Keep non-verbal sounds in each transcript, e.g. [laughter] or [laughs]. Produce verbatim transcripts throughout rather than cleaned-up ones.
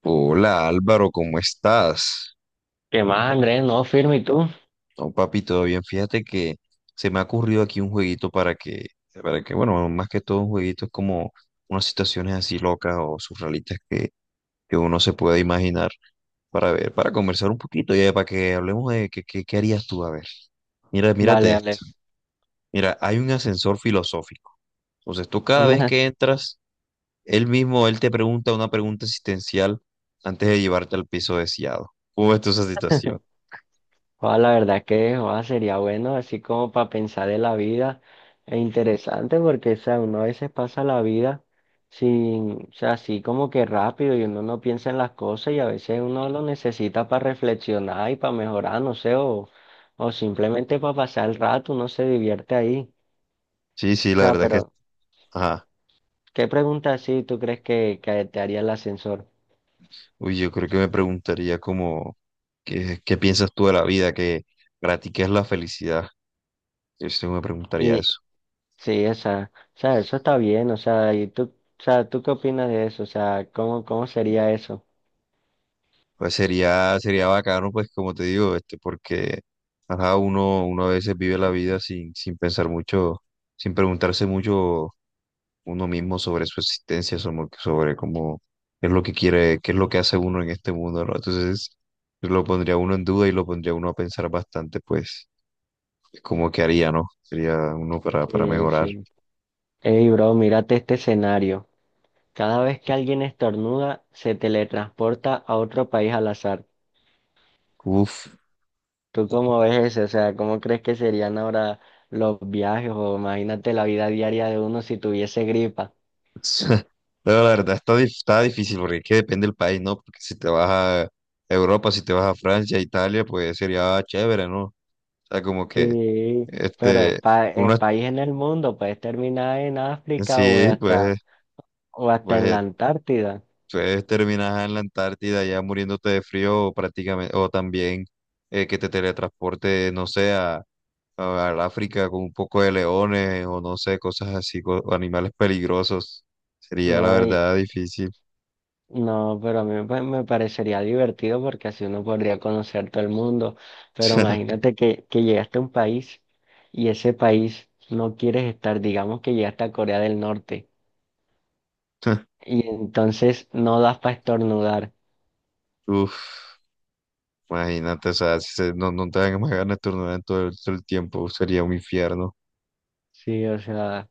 Hola Álvaro, ¿cómo estás? ¿Qué más, Andrés? No, firme, ¿y tú? No, papi, todo bien. Fíjate que se me ha ocurrido aquí un jueguito para que, para que, bueno, más que todo un jueguito es como unas situaciones así locas o surrealistas que, que uno se pueda imaginar para ver, para conversar un poquito y eh, para que hablemos de qué qué- qué harías tú, a ver. Mira, Dale, mírate dale. esto. Mira, hay un ascensor filosófico. Entonces tú [laughs] cada vez Una, que entras, él mismo, él te pregunta una pregunta existencial antes de llevarte al piso deseado. ¿Cómo ves tú esa situación? joda, la verdad que joda, sería bueno, así como para pensar en la vida. Es interesante porque, o sea, uno a veces pasa la vida sin, o sea, así como que rápido y uno no piensa en las cosas y a veces uno lo necesita para reflexionar y para mejorar, no sé, o, o simplemente para pasar el rato, uno se divierte ahí. Sí, sí, O la sea, verdad es que, pero, ajá. ¿qué pregunta así tú crees que, que te haría el ascensor? Uy, yo creo que me preguntaría como, ¿qué, qué piensas tú de la vida?, ¿que para ti qué es la felicidad? Yo sí me preguntaría eso. Sí, o sea, o sea, eso está bien, o sea, ¿y tú, o sea, tú qué opinas de eso? O sea, ¿cómo, cómo sería eso? Pues sería, sería bacano, pues como te digo, este, porque ajá, uno, uno a veces vive la vida sin, sin pensar mucho, sin preguntarse mucho uno mismo sobre su existencia, sobre, sobre cómo es lo que quiere, qué es lo que hace uno en este mundo, ¿no? Entonces, yo lo pondría uno en duda y lo pondría uno a pensar bastante, pues. Como que haría, ¿no? Sería uno para, para Eh, mejorar. sí. Ey, bro, mírate este escenario. Cada vez que alguien estornuda, se teletransporta a otro país al azar. Uf. ¿Tú cómo ves eso? O sea, ¿cómo crees que serían ahora los viajes? O imagínate la vida diaria de uno si tuviese gripa. [laughs] Pero la verdad está, dif- está difícil porque es que depende del país, ¿no? Porque si te vas a Europa, si te vas a Francia, Italia, pues sería chévere, ¿no? O sea, como que, Sí, pero es, este, pa- es uno, país en el mundo, puedes terminar en África o sí, hasta, pues, o hasta en la pues, Antártida. entonces terminas en la Antártida ya muriéndote de frío prácticamente, o también eh, que te teletransporte, no sé, a, a- al África con un poco de leones o no sé, cosas así, co- o animales peligrosos. Sería la No, verdad difícil. no, pero a mí me me parecería divertido porque así uno podría conocer todo el mundo. Pero [laughs] imagínate que, que llegaste a un país y ese país no quieres estar, digamos que llegaste a Corea del Norte y entonces no das para estornudar. Uf, imagínate, o sea, si se- no, no te dan más ganas de turnar todo el, todo el tiempo, sería un infierno. Sí, o sea,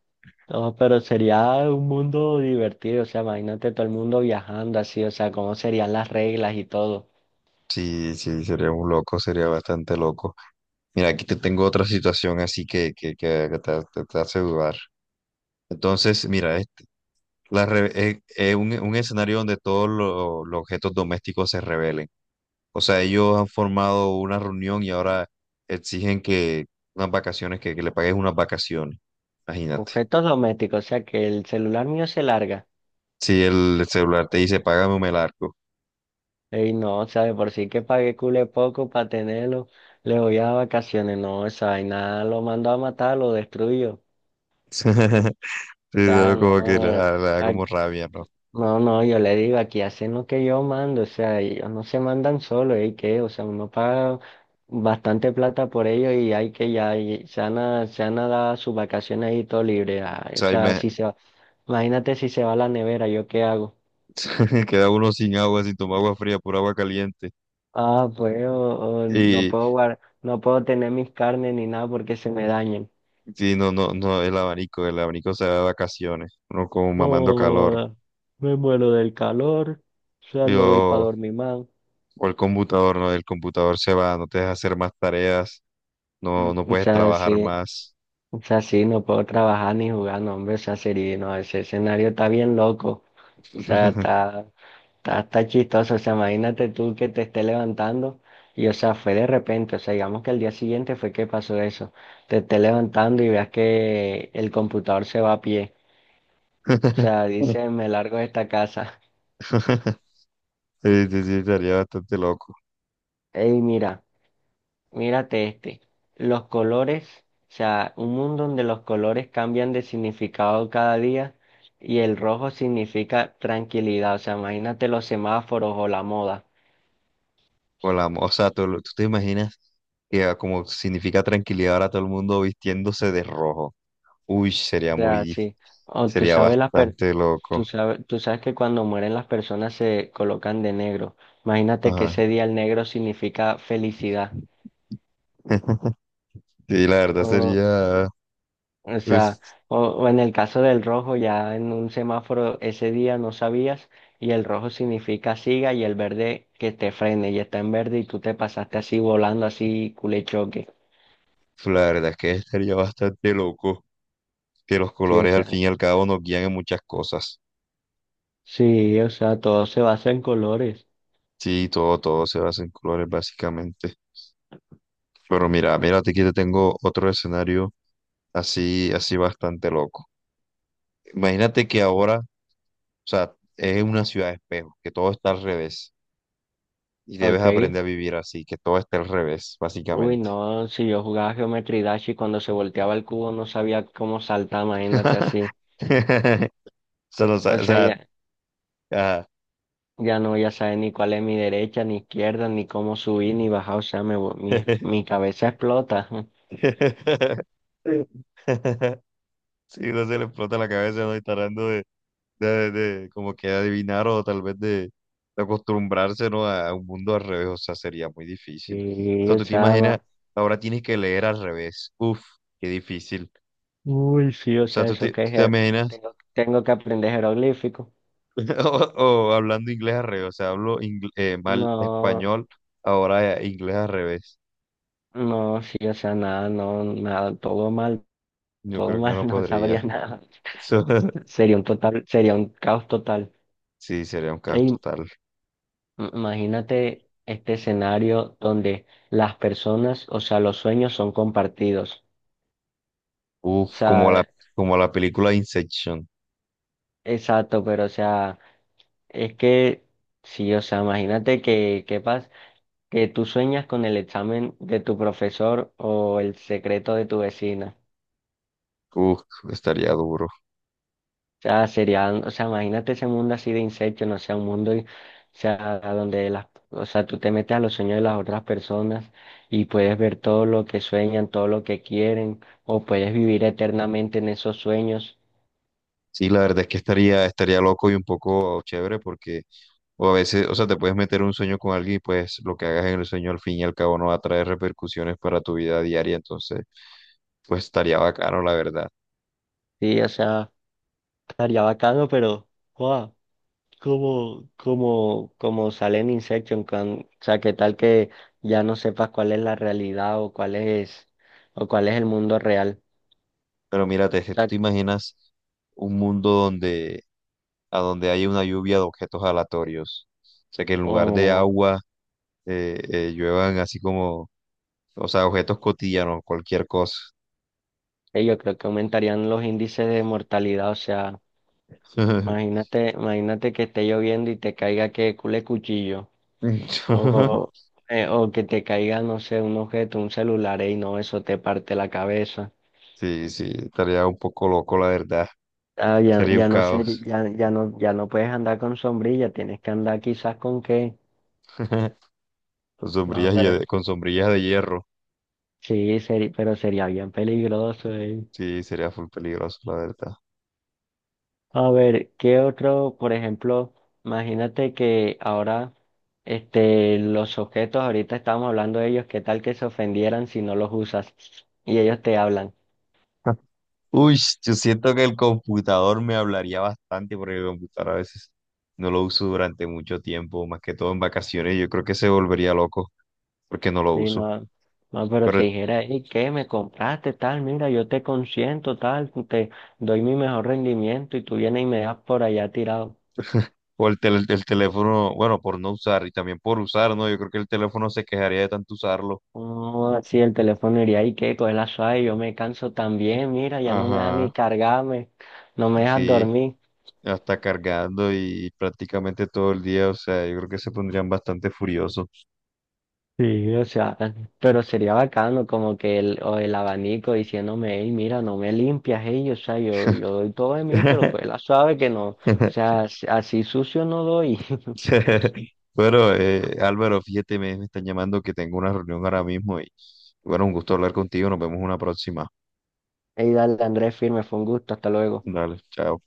no, pero sería un mundo divertido. O sea, imagínate todo el mundo viajando así, o sea, cómo serían las reglas y todo. Sí, sí, sería un loco, sería bastante loco. Mira, aquí te tengo otra situación así que, que, que- que te, te te hace dudar. Entonces, mira, este, la re- eh, eh, un, un escenario donde todos lo- los objetos domésticos se rebelen. O sea, ellos han formado una reunión y ahora exigen que unas vacaciones, que, que le pagues unas vacaciones. Imagínate. Objetos domésticos, o sea, que el celular mío se larga. Si el celular te dice, págame un melarco. Ey, no, o sea, de por sí que pagué cule poco para tenerlo, le voy a vacaciones, no, esa vaina lo mando a matar, lo destruyo. O [laughs] Sí, sea, pero no, como que le eh, da, le da ah, como rabia, ¿no? O no, no, yo le digo, aquí hacen lo que yo mando, o sea, ellos no se mandan solo, ¿y qué? O sea, uno paga bastante plata por ellos y hay que ya, y se han, a, se han a dar sus vacaciones ahí todo libre. Ay, o sea, sea, ima- si se va, imagínate si se va a la nevera, ¿yo qué hago? [laughs] queda uno sin agua, sin tomar agua fría, por agua caliente. Ah, pues, o- o no Y, puedo guardar no puedo tener mis carnes ni nada porque se me dañen. y no, no, no, el abanico, el abanico se da de vacaciones, uno como mamando calor. Joda, me muero del calor. O sea, Y, no doy para o, dormir más. o el computador, ¿no? El computador se va, no te deja hacer más tareas, Mm. no, no O puedes sea, trabajar sí. más. O sea, sí, no puedo trabajar ni jugar, no, hombre. O sea, sería, no, ese escenario está bien loco. O sea, está, está, está chistoso. O sea, imagínate tú que te esté levantando. Y, o sea, fue de repente. O sea, digamos que el día siguiente fue que pasó eso. Te esté levantando y veas que el computador se va a pie. O sea, [laughs] dice, me largo de esta casa. Sí, sí, sí, estaría bastante loco. [laughs] Ey, mira. Mírate este, los colores, o sea, un mundo donde los colores cambian de significado cada día y el rojo significa tranquilidad, o sea, imagínate los semáforos o la moda, O, la, mo- o sea, tú, tú te imaginas que ah, como significa tranquilidad ahora todo el mundo vistiéndose de rojo. Uy, sería o muy, sea, dif- sí, o tú sería sabes las per- bastante loco. tú sabes, tú sabes que cuando mueren las personas se colocan de negro, imagínate que Ajá. ese día el negro significa felicidad. [laughs] Sí, la verdad sería, O sea, pues, o, o en el caso del rojo, ya en un semáforo ese día no sabías y el rojo significa siga y el verde que te frene y está en verde y tú te pasaste así volando así culechoque. la verdad es que estaría bastante loco. Que los Sí, o colores al sea, fin y al cabo nos guían en muchas cosas. sí, o sea, todo se basa en colores. Sí, todo, todo se basa en colores básicamente. Pero mira, mírate que te tengo otro escenario así, así bastante loco. Imagínate que ahora, o sea, es una ciudad de espejo, que todo está al revés y debes Ok. aprender a vivir así, que todo esté al revés, Uy, básicamente. no, si yo jugaba Geometry Dash y cuando se volteaba el cubo no sabía cómo saltar, imagínate [laughs] así. [laughs] Solo, o sea, O no, o sea, sea, ya, ajá. ya no, ya sabes ni cuál es mi derecha, ni izquierda, ni cómo subir, ni bajar, o sea, me, vo- mi, mi cabeza explota. [laughs] [laughs] Sí, no se le explota la cabeza, no, y tratando de, de, de como que adivinar o tal vez de, de acostumbrarse, ¿no?, a, a un mundo al revés, o sea, sería muy difícil. O sea, Sí, tú te imaginas, chava. ahora tienes que leer al revés. Uf, qué difícil. Uy, sí, o O sea, sea, tú eso te, que tú es. te jer- imaginas, Tengo, tengo que aprender jeroglífico. [laughs] o, o hablando inglés al revés, o sea, hablo ingl- eh, mal No, español, ahora eh, inglés al revés. no, sí, o sea, nada, no, nada, todo mal, Yo todo creo que no mal, [laughs] no podría. sabría nada. Eso- [laughs] Sería un total, sería un caos total. Sí, sería un caso Ey, im- total. imagínate este escenario donde las personas, o sea, los sueños son compartidos. O Uf, como la, sea, como la película Inception. exacto, pero o sea, es que sí, o sea, imagínate que, ¿qué pasa? Que tú sueñas con el examen de tu profesor o el secreto de tu vecina. Uf, estaría duro. O sea, sería, o sea, imagínate ese mundo así de insectos, no sea, un mundo, y- o sea, donde las, o sea, tú te metes a los sueños de las otras personas y puedes ver todo lo que sueñan, todo lo que quieren, o puedes vivir eternamente en esos sueños. Sí, la verdad es que estaría, estaría loco y un poco chévere porque, o a veces, o sea, te puedes meter un sueño con alguien y pues lo que hagas en el sueño al fin y al cabo no va a traer repercusiones para tu vida diaria, entonces, pues estaría bacano, la verdad. Sí, o sea, estaría bacano, pero, wow. Como, como, como sale en Inception, cuan- o sea, que tal que ya no sepas cuál es la realidad o cuál es, o cuál es el mundo real. Pero mírate, es O que tú sea, te imaginas un mundo donde, a donde haya una lluvia de objetos aleatorios, o sea, que en lugar de o, agua eh, eh, lluevan así como, o sea, objetos cotidianos, cualquier cosa. eh, yo creo que aumentarían los índices de mortalidad. O sea, [laughs] imagínate, imagínate que esté lloviendo y te caiga que cule cuchillo. O, eh, o que te caiga, no sé, un objeto, un celular, y no, eso te parte la cabeza. Sí, sí, estaría un poco loco, la verdad. Ah, ya, Sería un ya no sé, caos. ya, ya no, ya no puedes andar con sombrilla, tienes que andar quizás con qué. [laughs] Con No, sombrillas, pero hie- con sombrillas de hierro. sí, seri- pero sería bien peligroso, eh. Sí, sería full peligroso, la verdad. A ver, ¿qué otro, por ejemplo, imagínate que ahora, este, los objetos, ahorita estábamos hablando de ellos, ¿qué tal que se ofendieran si no los usas? Y ellos te hablan. [laughs] Uy, yo siento que el computador me hablaría bastante porque el computador a veces no lo uso durante mucho tiempo, más que todo en vacaciones. Yo creo que se volvería loco porque no lo Sí, uso. no, no, pero Pero te el, dijera, hey, ¿qué? ¿Me compraste tal? Mira, yo te consiento tal, te doy mi mejor rendimiento y tú vienes y me das por allá tirado. o el, tel- el teléfono, bueno, por no usar y también por usar, ¿no? Yo creo que el teléfono se quejaría de tanto usarlo. No, así el teléfono iría y qué, coge la suave, yo me canso también, mira, ya no me deja ni Ajá. cargarme, no me deja Sí. dormir. Hasta cargando y prácticamente todo el día, o sea, yo creo que se pondrían bastante furiosos. Sí, o sea, pero sería bacano como que el, o el abanico diciéndome, hey, mira, no me limpias, hey, o sea, yo, yo doy todo de mí, pero coge la [laughs] suave que no, o sea, así así sucio no doy. [laughs] Bueno, eh, Álvaro, fíjate, me, me están llamando que tengo una reunión ahora mismo y bueno, un gusto hablar contigo, nos vemos una próxima. Hey, dale, Andrés, firme, fue un gusto, hasta luego. Dale, chao.